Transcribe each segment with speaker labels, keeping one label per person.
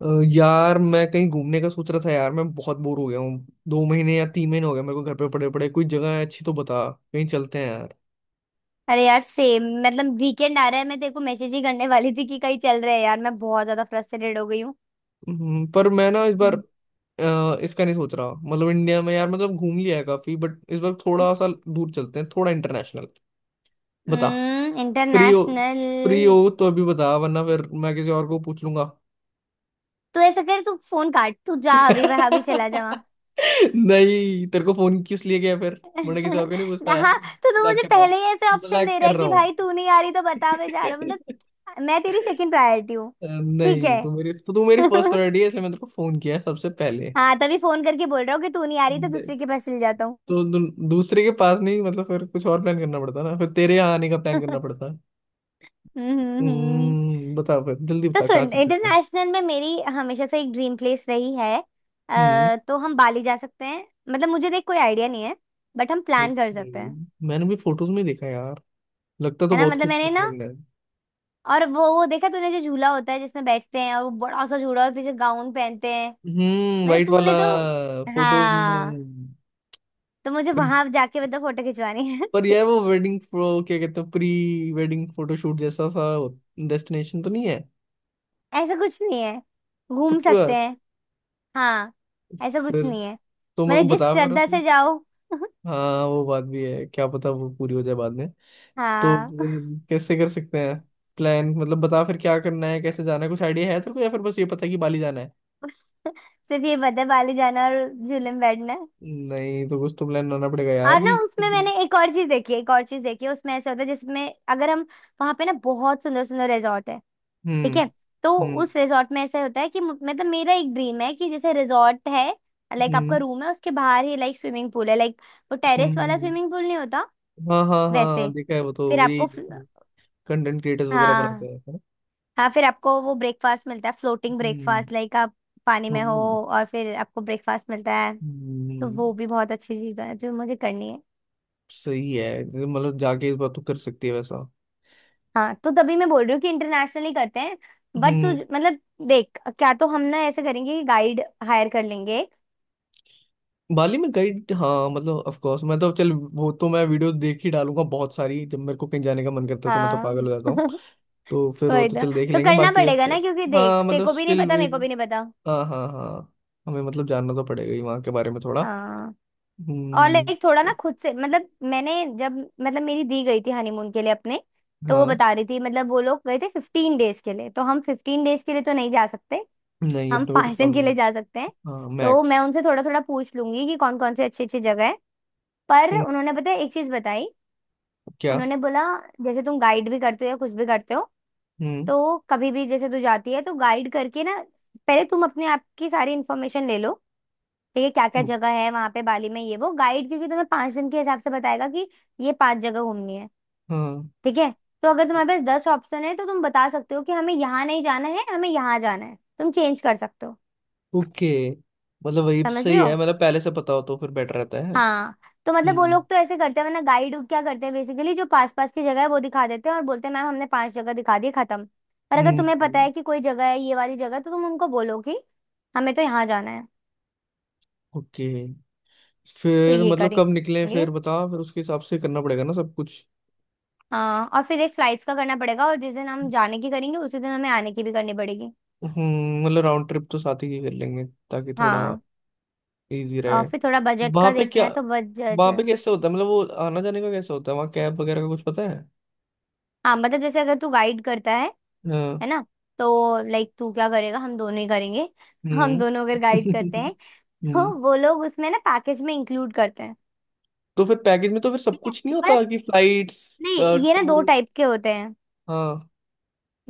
Speaker 1: अ, यार मैं कहीं घूमने का सोच रहा था। यार मैं बहुत बोर हो गया हूँ। 2 महीने या 3 महीने हो गए मेरे को घर पे पड़े पड़े। कोई जगह है अच्छी तो बता, कहीं चलते हैं यार।
Speaker 2: अरे यार, सेम। मतलब वीकेंड आ रहा है, मैं तेरे को मैसेज ही करने वाली थी कि कहीं चल रहे हैं यार। मैं बहुत ज्यादा फ्रस्ट्रेटेड हो गई हूँ।
Speaker 1: पर मैं ना इस बार इसका नहीं सोच रहा। मतलब इंडिया में यार मतलब घूम लिया है काफी, बट इस बार थोड़ा सा दूर चलते हैं, थोड़ा इंटरनेशनल। बता, फ्री हो? Free
Speaker 2: international.
Speaker 1: हो तो अभी बता, वरना फिर मैं किसी और को पूछ लूंगा।
Speaker 2: तू ऐसा कर, तू फोन काट, तू जा अभी वहां, भी चला जा वहाँ।
Speaker 1: नहीं, तेरे को फोन किस लिए किया फिर? मैंने किसी और को नहीं पूछता,
Speaker 2: हाँ, तो तू
Speaker 1: मजाक
Speaker 2: मुझे
Speaker 1: कर रहा हूँ।
Speaker 2: पहले ही ऐसे ऑप्शन
Speaker 1: मजाक
Speaker 2: दे रहा है
Speaker 1: कर रहा
Speaker 2: कि
Speaker 1: हूँ।
Speaker 2: भाई तू नहीं आ रही तो बता, मैं जा रहा हूँ। मतलब मैं तेरी सेकंड प्रायोरिटी हूँ। ठीक
Speaker 1: नहीं,
Speaker 2: है।
Speaker 1: तू मेरी फर्स्ट प्रायोरिटी है, इसलिए मैंने तेरे को फोन किया है सबसे पहले।
Speaker 2: हाँ, तभी फोन करके बोल रहा हूँ कि तू नहीं आ रही तो
Speaker 1: नहीं,
Speaker 2: दूसरे के पास चल जाता हूँ।
Speaker 1: तो दू, दूसरे के पास नहीं, मतलब फिर कुछ और प्लान करना पड़ता ना, फिर तेरे यहाँ आने का प्लान करना पड़ता।
Speaker 2: हम्म हम्म, हम्म।
Speaker 1: हम्म, बताओ फिर जल्दी
Speaker 2: तो
Speaker 1: बता, कहाँ
Speaker 2: सुन,
Speaker 1: चल सकता है?
Speaker 2: इंटरनेशनल में मेरी हमेशा से एक ड्रीम प्लेस रही है।
Speaker 1: हम्म,
Speaker 2: तो हम बाली जा सकते हैं। मतलब मुझे देख कोई आइडिया नहीं है बट हम प्लान कर
Speaker 1: ओके।
Speaker 2: सकते हैं।
Speaker 1: मैंने भी फोटोज में देखा यार, लगता तो
Speaker 2: है ना,
Speaker 1: बहुत
Speaker 2: मतलब मैंने
Speaker 1: खूबसूरत
Speaker 2: ना
Speaker 1: बंगला है।
Speaker 2: और वो देखा तूने, जो झूला होता है जिसमें बैठते हैं, और वो बड़ा सा झूला और पीछे गाउन पहनते हैं।
Speaker 1: हम्म,
Speaker 2: मतलब
Speaker 1: वाइट वाला,
Speaker 2: तूने तो।
Speaker 1: फोटोज में।
Speaker 2: हाँ, तो मुझे
Speaker 1: पर,
Speaker 2: वहां जाके मतलब फोटो खिंचवानी है।
Speaker 1: पर यह वो वेडिंग प्रो क्या कहते हैं, प्री वेडिंग फोटोशूट जैसा सा डेस्टिनेशन तो नहीं है?
Speaker 2: ऐसा कुछ नहीं है, घूम
Speaker 1: पक्की
Speaker 2: सकते
Speaker 1: बात?
Speaker 2: हैं। हाँ, ऐसा कुछ
Speaker 1: फिर
Speaker 2: नहीं है,
Speaker 1: तो मेरे को
Speaker 2: मतलब जिस
Speaker 1: बता फिर
Speaker 2: श्रद्धा
Speaker 1: उसमें।
Speaker 2: से जाओ।
Speaker 1: हाँ, वो बात भी है, क्या पता वो पूरी हो जाए बाद में। तो
Speaker 2: हाँ।
Speaker 1: कैसे कर सकते हैं प्लान? मतलब बता फिर क्या करना है, कैसे जाना है, कुछ आइडिया है तेरे को, या फिर बस ये पता है कि बाली जाना है?
Speaker 2: सिर्फ ये बता, बाली जाना और झूले में बैठना।
Speaker 1: नहीं तो कुछ तो प्लान बनाना पड़ेगा यार
Speaker 2: और ना
Speaker 1: कि,
Speaker 2: उसमें
Speaker 1: हम्म।
Speaker 2: मैंने एक और चीज देखी है, उसमें ऐसा होता है जिसमें अगर हम वहां पे ना बहुत सुंदर सुंदर रिजॉर्ट है। ठीक है।
Speaker 1: हम्म।
Speaker 2: तो उस रिजॉर्ट में ऐसा होता है कि मतलब मेरा एक ड्रीम है कि जैसे रिजॉर्ट है, लाइक आपका
Speaker 1: हम्म।
Speaker 2: रूम है, उसके बाहर ही लाइक स्विमिंग पूल है, लाइक वो
Speaker 1: हम्म।
Speaker 2: टेरेस वाला
Speaker 1: हम्म।
Speaker 2: स्विमिंग पूल नहीं होता
Speaker 1: हाँ हाँ हाँ,
Speaker 2: वैसे।
Speaker 1: देखा है वो, तो
Speaker 2: फिर
Speaker 1: वही
Speaker 2: आपको
Speaker 1: कंटेंट क्रिएटर्स वगैरह बनाते
Speaker 2: हाँ
Speaker 1: हैं, है ना?
Speaker 2: हाँ, फिर आपको वो ब्रेकफास्ट मिलता है, फ्लोटिंग
Speaker 1: हम्म।
Speaker 2: ब्रेकफास्ट, लाइक आप पानी में हो,
Speaker 1: हम्म,
Speaker 2: और फिर आपको ब्रेकफास्ट मिलता है। तो
Speaker 1: हम्म,
Speaker 2: वो भी बहुत अच्छी चीज है जो मुझे करनी है।
Speaker 1: सही है। जैसे मतलब जाके इस बात तो कर सकती है वैसा।
Speaker 2: हाँ, तो तभी मैं बोल रही हूँ कि इंटरनेशनली करते हैं। बट तू
Speaker 1: हम्म,
Speaker 2: मतलब देख, क्या तो हम ना ऐसे करेंगे कि गाइड हायर कर लेंगे एक।
Speaker 1: बाली में गई? हाँ मतलब ऑफ कोर्स, मैं तो चल, वो तो मैं वीडियो देख ही डालूंगा बहुत सारी। जब मेरे को कहीं जाने का मन करता है तो मैं तो
Speaker 2: हाँ।
Speaker 1: पागल हो जाता हूँ। तो फिर वो
Speaker 2: वही
Speaker 1: तो
Speaker 2: तो
Speaker 1: चल देख
Speaker 2: तो
Speaker 1: लेंगे,
Speaker 2: करना
Speaker 1: बाकी ऑफ
Speaker 2: पड़ेगा ना,
Speaker 1: कोर्स।
Speaker 2: क्योंकि देख
Speaker 1: हाँ
Speaker 2: तेरे
Speaker 1: मतलब
Speaker 2: को भी नहीं
Speaker 1: स्टिल
Speaker 2: पता,
Speaker 1: वी,
Speaker 2: मेरे को भी नहीं पता।
Speaker 1: हाँ हाँ हाँ, हमें मतलब जानना तो पड़ेगा ही वहाँ के बारे में थोड़ा।
Speaker 2: हाँ, और
Speaker 1: हम्म।
Speaker 2: लाइक थोड़ा ना खुद से, मतलब मैंने जब मतलब मेरी दी गई थी हनीमून के लिए अपने, तो वो
Speaker 1: हाँ,
Speaker 2: बता रही थी। मतलब वो लोग गए थे 15 डेज के लिए, तो हम 15 डेज के लिए तो नहीं जा सकते।
Speaker 1: नहीं
Speaker 2: हम
Speaker 1: अपने को तो
Speaker 2: 5 दिन के
Speaker 1: कम।
Speaker 2: लिए जा सकते हैं।
Speaker 1: हाँ,
Speaker 2: तो मैं
Speaker 1: मैक्स।
Speaker 2: उनसे थोड़ा थोड़ा पूछ लूंगी कि कौन कौन से अच्छी अच्छी जगह है। पर उन्होंने पता है एक चीज बताई।
Speaker 1: क्या?
Speaker 2: उन्होंने बोला, जैसे तुम गाइड भी करते हो या कुछ भी करते हो,
Speaker 1: हम्म।
Speaker 2: तो कभी भी जैसे तू जाती है तो गाइड करके ना, पहले तुम अपने आप की सारी इन्फॉर्मेशन ले लो। ठीक है, क्या क्या
Speaker 1: हम्म,
Speaker 2: जगह है वहां पे बाली में, ये वो गाइड क्योंकि तुम्हें 5 दिन के हिसाब से बताएगा कि ये 5 जगह घूमनी है।
Speaker 1: हाँ।
Speaker 2: ठीक है। तो अगर तुम्हारे पास 10 ऑप्शन है तो तुम बता सकते हो कि हमें यहाँ नहीं जाना है, हमें यहाँ जाना है, तुम चेंज कर सकते हो।
Speaker 1: ओके, मतलब वही
Speaker 2: समझ रहे
Speaker 1: सही है,
Speaker 2: हो।
Speaker 1: मतलब पहले से पता हो तो फिर बेटर रहता है।
Speaker 2: हाँ। तो मतलब वो
Speaker 1: हम्म।
Speaker 2: लोग तो ऐसे करते हैं, वरना गाइड क्या करते हैं, बेसिकली जो पास पास की जगह है वो दिखा देते हैं और बोलते हैं मैम हमने 5 जगह दिखा दी खत्म। और अगर तुम्हें पता
Speaker 1: हम्म।
Speaker 2: है कि कोई जगह है, ये वाली जगह, तो तुम उनको बोलो कि हमें तो यहाँ जाना है।
Speaker 1: ओके,
Speaker 2: तो
Speaker 1: फिर
Speaker 2: ये
Speaker 1: मतलब कब निकले
Speaker 2: करेंगे।
Speaker 1: फिर बता, फिर उसके हिसाब से करना पड़ेगा ना सब कुछ।
Speaker 2: हाँ। और फिर एक फ्लाइट्स का करना पड़ेगा, और जिस दिन हम जाने की करेंगे उसी दिन हमें आने की भी करनी पड़ेगी।
Speaker 1: हम्म, मतलब राउंड ट्रिप तो साथ ही की कर लेंगे, ताकि थोड़ा
Speaker 2: हाँ।
Speaker 1: इजी रहे।
Speaker 2: और फिर थोड़ा बजट
Speaker 1: वहां
Speaker 2: का
Speaker 1: पे
Speaker 2: देखना
Speaker 1: क्या,
Speaker 2: है, तो बजट।
Speaker 1: वहां पे कैसे होता है? मतलब वो आना जाने का कैसे होता है वहाँ? कैब वगैरह का कुछ पता है?
Speaker 2: हाँ, मतलब जैसे अगर तू गाइड करता है
Speaker 1: हाँ।
Speaker 2: है ना, तो लाइक तू क्या करेगा, हम दोनों ही करेंगे। हम
Speaker 1: हम्म।
Speaker 2: दोनों अगर गाइड करते हैं तो
Speaker 1: हम्म,
Speaker 2: वो लोग उसमें ना पैकेज में इंक्लूड करते हैं।
Speaker 1: तो फिर पैकेज में तो फिर सब
Speaker 2: ठीक है।
Speaker 1: कुछ नहीं
Speaker 2: पर
Speaker 1: होता कि फ्लाइट्स?
Speaker 2: नहीं, ये ना दो
Speaker 1: टू,
Speaker 2: टाइप के होते हैं।
Speaker 1: हाँ।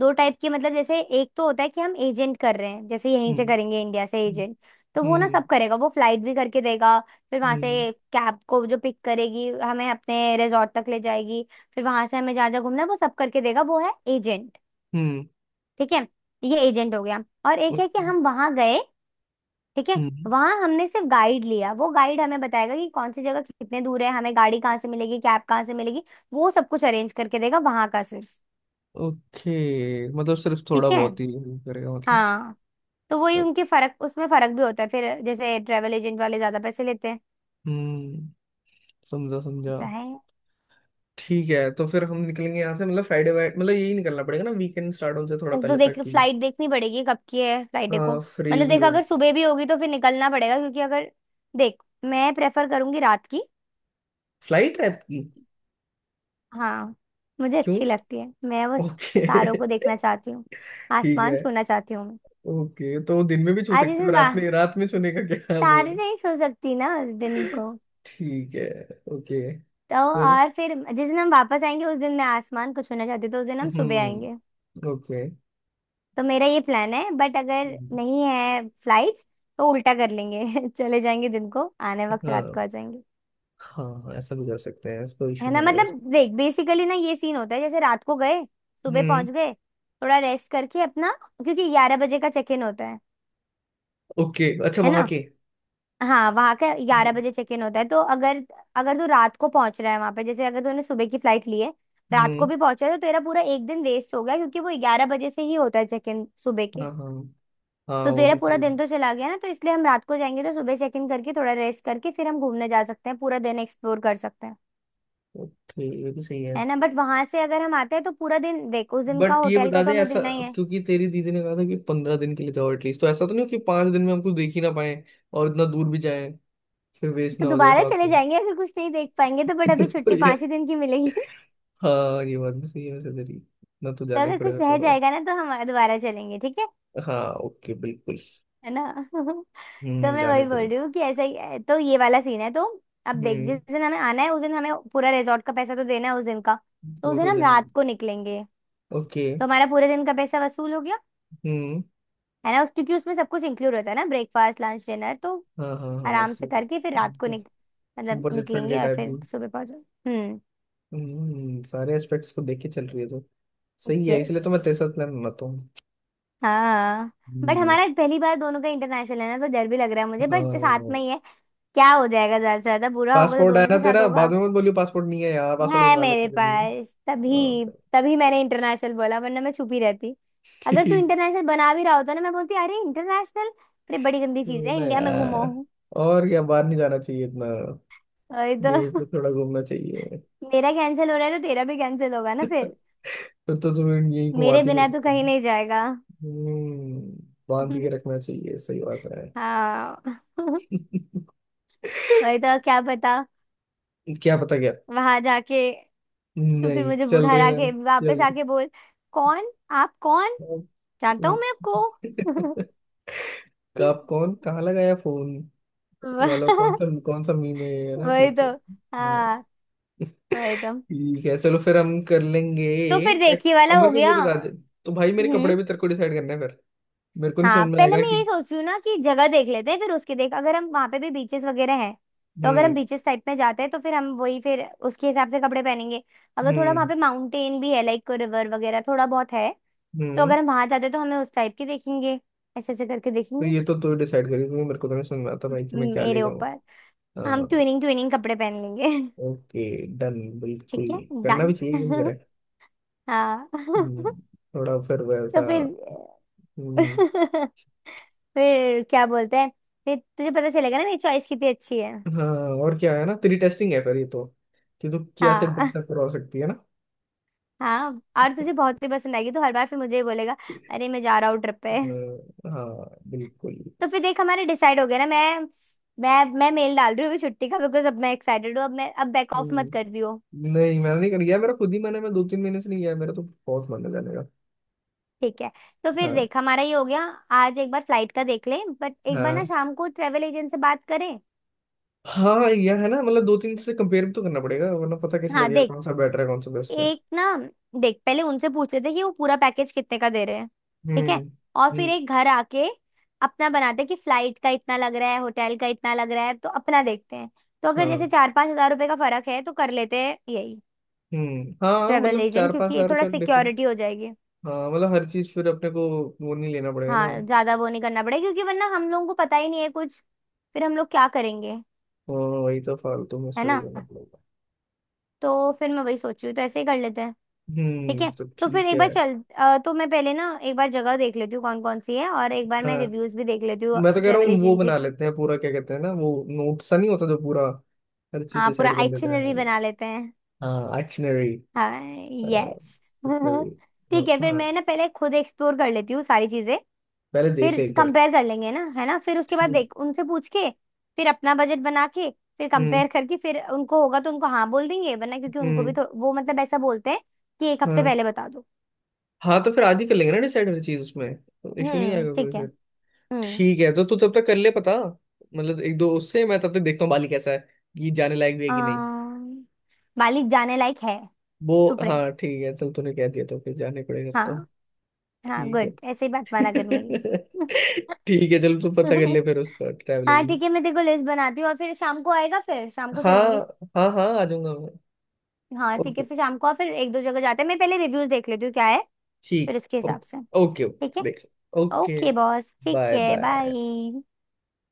Speaker 2: दो टाइप के, मतलब जैसे एक तो होता है कि हम एजेंट कर रहे हैं, जैसे यहीं
Speaker 1: हम्म।
Speaker 2: से करेंगे इंडिया से
Speaker 1: हम्म।
Speaker 2: एजेंट, तो वो ना
Speaker 1: हम्म।
Speaker 2: सब करेगा, वो फ्लाइट भी करके देगा, फिर वहां
Speaker 1: हम्म।
Speaker 2: से कैब को जो पिक करेगी हमें अपने रिजॉर्ट तक ले जाएगी, फिर वहां से हमें जहाँ जहाँ घूमना है वो सब करके देगा, वो है एजेंट।
Speaker 1: हम्म,
Speaker 2: ठीक है। ये एजेंट हो गया, और एक है कि
Speaker 1: ओके।
Speaker 2: हम वहां गए। ठीक है।
Speaker 1: हम्म,
Speaker 2: वहां हमने सिर्फ गाइड लिया, वो गाइड हमें बताएगा कि कौन सी जगह कितने दूर है, हमें गाड़ी कहाँ से मिलेगी, कैब कहाँ से मिलेगी, वो सब कुछ अरेंज करके देगा वहां का सिर्फ।
Speaker 1: ओके, मतलब सिर्फ थोड़ा
Speaker 2: ठीक है।
Speaker 1: बहुत ही करेगा मतलब।
Speaker 2: हाँ, तो वही उनके फर्क, उसमें फर्क भी होता है फिर, जैसे ट्रेवल एजेंट वाले ज्यादा पैसे लेते हैं।
Speaker 1: हम्म, समझा समझा।
Speaker 2: ऐसा है।
Speaker 1: ठीक है, तो फिर हम निकलेंगे यहाँ से मतलब फ्राइडे वाइट, मतलब यही निकलना पड़ेगा ना, वीकेंड स्टार्ट होने से थोड़ा
Speaker 2: तो
Speaker 1: पहले तक
Speaker 2: देख
Speaker 1: की।
Speaker 2: फ्लाइट देखनी पड़ेगी कब की है फ्लाइट को।
Speaker 1: हाँ, फ्री
Speaker 2: मतलब
Speaker 1: भी
Speaker 2: देख
Speaker 1: हो।
Speaker 2: अगर सुबह भी होगी तो फिर निकलना पड़ेगा, क्योंकि अगर देख, मैं प्रेफर करूंगी रात की।
Speaker 1: फ्लाइट रात की?
Speaker 2: हाँ, मुझे
Speaker 1: क्यों?
Speaker 2: अच्छी लगती है, मैं बस
Speaker 1: ओके।
Speaker 2: तारों को देखना चाहती हूँ,
Speaker 1: ठीक
Speaker 2: आसमान
Speaker 1: है।
Speaker 2: छूना चाहती हूँ मैं।
Speaker 1: ओके, तो दिन में भी छू
Speaker 2: आज इस
Speaker 1: सकते हो,
Speaker 2: दिन
Speaker 1: रात
Speaker 2: वाह
Speaker 1: में, रात में छूने का क्या वो
Speaker 2: तारे
Speaker 1: है?
Speaker 2: नहीं सो सकती ना उस दिन को।
Speaker 1: ठीक है। ओके।
Speaker 2: तो
Speaker 1: फिर,
Speaker 2: और फिर जिस दिन हम वापस आएंगे उस दिन मैं आसमान को छूना चाहती हूँ, तो उस दिन हम सुबह आएंगे।
Speaker 1: ओके।
Speaker 2: तो मेरा ये प्लान है बट अगर
Speaker 1: हम्म,
Speaker 2: नहीं है फ्लाइट्स, तो उल्टा कर लेंगे। चले जाएंगे दिन को, आने वक्त
Speaker 1: हाँ
Speaker 2: रात को आ जाएंगे।
Speaker 1: हाँ हाँ, ऐसा भी कर सकते हैं, इसको
Speaker 2: है
Speaker 1: इशू
Speaker 2: ना,
Speaker 1: नहीं आएगा
Speaker 2: मतलब
Speaker 1: इसमें।
Speaker 2: देख बेसिकली ना ये सीन होता है, जैसे रात को गए सुबह
Speaker 1: हम्म,
Speaker 2: पहुंच गए, थोड़ा रेस्ट करके अपना, क्योंकि 11 बजे का चेक इन होता है।
Speaker 1: ओके, अच्छा
Speaker 2: है
Speaker 1: वहां
Speaker 2: ना।
Speaker 1: के।
Speaker 2: हाँ, वहां का ग्यारह
Speaker 1: हम्म।
Speaker 2: बजे चेक इन होता है, तो अगर अगर तू रात को पहुंच रहा है वहां पे, जैसे अगर तूने सुबह की फ्लाइट ली है, रात को
Speaker 1: हम्म,
Speaker 2: भी पहुंचा है, तो तेरा पूरा एक दिन वेस्ट हो गया, क्योंकि वो 11 बजे से ही होता है चेक इन सुबह के।
Speaker 1: हाँ हाँ, हाँ
Speaker 2: तो
Speaker 1: वो
Speaker 2: तेरा
Speaker 1: भी
Speaker 2: पूरा
Speaker 1: सही।
Speaker 2: दिन तो चला गया ना, तो इसलिए हम रात को जाएंगे तो सुबह चेक इन करके थोड़ा रेस्ट करके फिर हम घूमने जा सकते हैं, पूरा दिन एक्सप्लोर कर सकते हैं।
Speaker 1: ओके, ये भी सही है।
Speaker 2: है ना, बट वहां से अगर हम आते हैं तो पूरा दिन देख, उस दिन का
Speaker 1: बट ये
Speaker 2: होटल
Speaker 1: बता
Speaker 2: का तो
Speaker 1: दे
Speaker 2: हमें
Speaker 1: ऐसा,
Speaker 2: देना ही है।
Speaker 1: क्योंकि तेरी दीदी ने कहा था कि 15 दिन के लिए जाओ एटलीस्ट। तो ऐसा तो नहीं हो कि 5 दिन में हम कुछ देख ही ना पाए और इतना दूर भी जाए, फिर वेस्ट
Speaker 2: तो
Speaker 1: ना हो जाए
Speaker 2: दोबारा चले
Speaker 1: फालतू में।
Speaker 2: जाएंगे अगर कुछ नहीं देख पाएंगे तो, बट अभी
Speaker 1: तो
Speaker 2: छुट्टी
Speaker 1: ये,
Speaker 2: पांच ही दिन की मिलेगी।
Speaker 1: हाँ ये बात भी सही है वैसे तेरी। ना तो
Speaker 2: तो
Speaker 1: जाना ही
Speaker 2: अगर
Speaker 1: पड़ेगा
Speaker 2: कुछ रह
Speaker 1: थोड़ा बहुत।
Speaker 2: जाएगा ना तो हम दोबारा चलेंगे, ठीक है।
Speaker 1: हाँ, ओके, बिल्कुल।
Speaker 2: है ना। तो
Speaker 1: हम्म,
Speaker 2: मैं
Speaker 1: जाना
Speaker 2: वही
Speaker 1: ही
Speaker 2: बोल
Speaker 1: पड़ेगा।
Speaker 2: रही हूँ कि ऐसा ही है। तो ये वाला सीन है तो अब देख जिस
Speaker 1: हम्म।
Speaker 2: दिन हमें आना है उस दिन हमें पूरा रिजॉर्ट का पैसा तो देना है उस दिन का। तो
Speaker 1: वो
Speaker 2: उस दिन
Speaker 1: तो
Speaker 2: हम
Speaker 1: जाना ही-
Speaker 2: रात को निकलेंगे,
Speaker 1: ओके।
Speaker 2: तो हमारा पूरे दिन का पैसा वसूल हो गया।
Speaker 1: हम्म।
Speaker 2: है ना, उस क्योंकि उसमें सब कुछ इंक्लूड होता है ना, ब्रेकफास्ट लंच डिनर, तो
Speaker 1: हाँ हाँ हाँ,
Speaker 2: आराम से
Speaker 1: सो
Speaker 2: करके फिर रात को निक मतलब
Speaker 1: बजट फ्रेंडली
Speaker 2: निकलेंगे और
Speaker 1: टाइप भी।
Speaker 2: फिर सुबह पहुंचे। हम्म।
Speaker 1: हम्म, सारे एस्पेक्ट्स को देख के चल रही है तो, सही है,
Speaker 2: यस।
Speaker 1: इसलिए तो मैं तेरे साथ प्लान बनाता।
Speaker 2: हाँ, बट
Speaker 1: हम्म,
Speaker 2: हमारा पहली बार दोनों का इंटरनेशनल है ना, तो डर भी लग रहा है मुझे, बट साथ में ही है। क्या हो जाएगा, ज्यादा से ज्यादा बुरा होगा तो
Speaker 1: पासपोर्ट है
Speaker 2: दोनों
Speaker 1: ना
Speaker 2: के साथ
Speaker 1: तेरा? बाद
Speaker 2: होगा।
Speaker 1: में मत बोलियो पासपोर्ट नहीं है यार, पासपोर्ट
Speaker 2: है
Speaker 1: बनवा
Speaker 2: मेरे
Speaker 1: लेते हैं।
Speaker 2: पास, तभी
Speaker 1: अ,
Speaker 2: तभी मैंने इंटरनेशनल बोला वरना मैं छुपी रहती। अगर तू
Speaker 1: ठीक।
Speaker 2: इंटरनेशनल बना भी रहा होता ना, मैं बोलती अरे इंटरनेशनल, अरे बड़ी गंदी चीज है
Speaker 1: ना
Speaker 2: इंडिया में घूमो।
Speaker 1: यार, और क्या, बाहर नहीं जाना चाहिए इतना,
Speaker 2: अरे
Speaker 1: यहीं
Speaker 2: तो
Speaker 1: पे थोड़ा घूमना चाहिए।
Speaker 2: मेरा कैंसिल हो रहा है तो तेरा भी कैंसिल होगा ना
Speaker 1: तो
Speaker 2: फिर।
Speaker 1: तो तुम्हें यही
Speaker 2: मेरे
Speaker 1: घुमाती मेरे
Speaker 2: बिना तो
Speaker 1: को।
Speaker 2: कहीं नहीं जाएगा।
Speaker 1: हम्म, बांध के रखना चाहिए, सही बात है।
Speaker 2: हाँ। वही तो, क्या पता
Speaker 1: क्या पता क्या?
Speaker 2: वहां जाके, तो फिर
Speaker 1: नहीं
Speaker 2: मुझे वो
Speaker 1: चल
Speaker 2: घर
Speaker 1: रहे ना।
Speaker 2: आके वापस
Speaker 1: चल।
Speaker 2: आके बोल कौन, आप कौन, जानता हूँ मैं आपको।
Speaker 1: कब कौन कहाँ लगाया फोन वाला,
Speaker 2: वह-
Speaker 1: कौन सा मीम है ये, है ना
Speaker 2: वही
Speaker 1: कुछ?
Speaker 2: तो।
Speaker 1: हाँ,
Speaker 2: हाँ, वही तो।
Speaker 1: ठीक है, चलो फिर हम कर लेंगे।
Speaker 2: तो फिर
Speaker 1: एक-
Speaker 2: देखिए
Speaker 1: अब
Speaker 2: वाला हो
Speaker 1: मेरे को ये
Speaker 2: गया।
Speaker 1: बता दे, तो भाई मेरे
Speaker 2: हम्म।
Speaker 1: कपड़े भी तेरे को डिसाइड करना है फिर, मेरे को नहीं
Speaker 2: हाँ,
Speaker 1: समझ में
Speaker 2: पहले
Speaker 1: आएगा
Speaker 2: मैं ये
Speaker 1: कि।
Speaker 2: सोच रही हूँ ना कि जगह देख लेते हैं फिर उसके देख अगर हम वहां पे भी बीचेस वगैरह हैं, तो अगर
Speaker 1: हम्म।
Speaker 2: हम बीचेस टाइप में जाते हैं तो फिर हम वही फिर उसके हिसाब से कपड़े पहनेंगे। अगर थोड़ा वहां
Speaker 1: हम्म।
Speaker 2: पे माउंटेन भी है लाइक रिवर वगैरह थोड़ा बहुत है, तो
Speaker 1: हम्म,
Speaker 2: अगर हम वहां जाते हैं तो हमें उस टाइप के देखेंगे, ऐसे ऐसे करके
Speaker 1: तो
Speaker 2: देखेंगे।
Speaker 1: ये तो तू डिसाइड करी, क्योंकि मेरे को तो नहीं समझ में आता भाई कि मैं क्या ले
Speaker 2: मेरे
Speaker 1: जाऊँ।
Speaker 2: ऊपर। हम ट्विनिंग ट्विनिंग कपड़े पहन लेंगे।
Speaker 1: ओके, डन,
Speaker 2: ठीक
Speaker 1: बिल्कुल।
Speaker 2: है,
Speaker 1: करना भी
Speaker 2: डन।
Speaker 1: चाहिए, क्यों करे।
Speaker 2: हाँ।
Speaker 1: हम्म, थोड़ा फिर
Speaker 2: तो
Speaker 1: वैसा।
Speaker 2: फिर
Speaker 1: हम्म।
Speaker 2: फिर क्या बोलते हैं, फिर तुझे पता चलेगा ना मेरी चॉइस कितनी अच्छी है।
Speaker 1: हाँ और क्या, है ना, तेरी टेस्टिंग है फिर ये तो, कि तू क्या से
Speaker 2: हाँ।
Speaker 1: ड्रेसअप करवा सकती है।
Speaker 2: हाँ, और
Speaker 1: ना।
Speaker 2: तुझे बहुत ही पसंद आएगी तो हर बार फिर मुझे ही बोलेगा अरे मैं जा रहा हूँ ट्रिप पे।
Speaker 1: हाँ, बिल्कुल।
Speaker 2: तो फिर देख हमारा डिसाइड हो गया ना। मैं मेल डाल रही हूँ अभी छुट्टी का, बिकॉज अब मैं एक्साइटेड हूँ। अब बैक ऑफ मत
Speaker 1: हम्म,
Speaker 2: कर दियो।
Speaker 1: नहीं मैंने नहीं कर गया, मेरा खुद ही मन है, मैं 2-3 महीने से नहीं गया मेरा तो, बहुत मन है जाने का।
Speaker 2: ठीक है। तो फिर
Speaker 1: हाँ।
Speaker 2: देख हमारा ये हो गया। आज एक बार फ्लाइट का देख ले, बट एक बार ना
Speaker 1: हाँ
Speaker 2: शाम को ट्रेवल एजेंट से बात करें।
Speaker 1: हाँ यार, है ना, मतलब 2-3 से कंपेयर भी तो करना पड़ेगा, वरना पता कैसे
Speaker 2: हाँ,
Speaker 1: लगेगा
Speaker 2: देख
Speaker 1: कौन सा बेटर है, कौन सा बेस्ट है।
Speaker 2: एक ना, देख पहले उनसे पूछ लेते हैं कि वो पूरा पैकेज कितने का दे रहे हैं। ठीक
Speaker 1: हम्म।
Speaker 2: है। और फिर
Speaker 1: हम्म।
Speaker 2: एक घर आके अपना बनाते हैं कि फ्लाइट का इतना लग रहा है, होटल का इतना लग रहा है, तो अपना देखते हैं। तो अगर जैसे
Speaker 1: हाँ।
Speaker 2: 4-5 हजार रुपए का फर्क है तो कर लेते हैं यही
Speaker 1: हम्म, हाँ,
Speaker 2: ट्रेवल
Speaker 1: मतलब
Speaker 2: एजेंट,
Speaker 1: चार पांच
Speaker 2: क्योंकि ये
Speaker 1: हजार
Speaker 2: थोड़ा
Speaker 1: का डिफरेंस।
Speaker 2: सिक्योरिटी हो जाएगी।
Speaker 1: हाँ, मतलब हर चीज फिर अपने को, वो नहीं लेना पड़ेगा ना।
Speaker 2: हाँ, ज्यादा वो नहीं करना पड़ेगा क्योंकि वरना हम लोगों को पता ही नहीं है कुछ। फिर हम लोग क्या करेंगे।
Speaker 1: हाँ, वही तो, फालतू में
Speaker 2: है ना।
Speaker 1: स्ट्रगल करना पड़ेगा।
Speaker 2: तो फिर मैं वही सोच रही हूँ तो ऐसे ही कर लेते हैं। ठीक
Speaker 1: हम्म,
Speaker 2: है।
Speaker 1: तो
Speaker 2: तो फिर
Speaker 1: ठीक
Speaker 2: एक
Speaker 1: है।
Speaker 2: बार चल तो मैं पहले ना एक बार जगह देख लेती हूँ कौन कौन सी है, और एक बार
Speaker 1: हाँ,
Speaker 2: मैं रिव्यूज भी देख लेती हूँ
Speaker 1: मैं तो कह रहा
Speaker 2: ट्रेवल
Speaker 1: हूँ वो
Speaker 2: एजेंसी
Speaker 1: बना
Speaker 2: की।
Speaker 1: लेते हैं पूरा, क्या कहते हैं ना वो, नोट सा नहीं होता जो पूरा हर चीज
Speaker 2: हाँ, पूरा
Speaker 1: डिसाइड कर लेता
Speaker 2: आइटिनरी
Speaker 1: है।
Speaker 2: बना लेते हैं।
Speaker 1: हाँ, एक्शनरी।
Speaker 2: हाँ। यस।
Speaker 1: एक्शनरी।
Speaker 2: ठीक है, फिर
Speaker 1: हाँ,
Speaker 2: मैं ना पहले खुद एक्सप्लोर कर लेती हूँ सारी चीजें,
Speaker 1: पहले देख
Speaker 2: फिर
Speaker 1: ले एक बार।
Speaker 2: कंपेयर कर लेंगे ना, है ना, फिर उसके बाद देख उनसे पूछ के, फिर अपना बजट बना के, फिर
Speaker 1: हम्म।
Speaker 2: कंपेयर करके फिर उनको होगा तो उनको हाँ बोल देंगे, वरना क्योंकि उनको भी
Speaker 1: हम्म।
Speaker 2: तो वो मतलब ऐसा बोलते हैं कि एक हफ्ते
Speaker 1: हाँ।
Speaker 2: पहले बता दो।
Speaker 1: हाँ, तो फिर आज ही कर लेंगे ना डिसाइड हर चीज, उसमें तो इशू नहीं
Speaker 2: हम्म,
Speaker 1: आएगा कोई
Speaker 2: ठीक है।
Speaker 1: फिर।
Speaker 2: हम्म।
Speaker 1: ठीक है, तो तू तब तक कर ले पता, मतलब 1-2 उससे। मैं तब तक देखता हूँ बाली कैसा है, कि जाने लायक भी है कि नहीं।
Speaker 2: अम्म, मालिक जाने लायक है।
Speaker 1: वो,
Speaker 2: चुप रहे।
Speaker 1: हाँ ठीक है, चल तूने कह दिया तो फिर जाने पड़ेगा अब तो।
Speaker 2: हाँ हाँ,
Speaker 1: ठीक है।
Speaker 2: गुड, ऐसे ही बात माना कर मेरी।
Speaker 1: ठीक है, चलो तू पता कर ले फिर उसका ट्रैवल
Speaker 2: हाँ ठीक
Speaker 1: एजेंट।
Speaker 2: है, मैं तेरे को लिस्ट बनाती हूँ और फिर शाम को आएगा फिर शाम को चलेंगे।
Speaker 1: हाँ हाँ हाँ, आ जाऊंगा मैं।
Speaker 2: हाँ ठीक
Speaker 1: ओके,
Speaker 2: है, फिर शाम को और फिर एक दो जगह जाते हैं, मैं पहले रिव्यूज देख लेती हूँ क्या है, फिर
Speaker 1: ठीक।
Speaker 2: उसके
Speaker 1: ओके
Speaker 2: हिसाब से।
Speaker 1: ओके
Speaker 2: ठीक है।
Speaker 1: ओके। देख। ओके।
Speaker 2: ओके बॉस, ठीक
Speaker 1: बाय।
Speaker 2: है,
Speaker 1: बाय।
Speaker 2: बाय।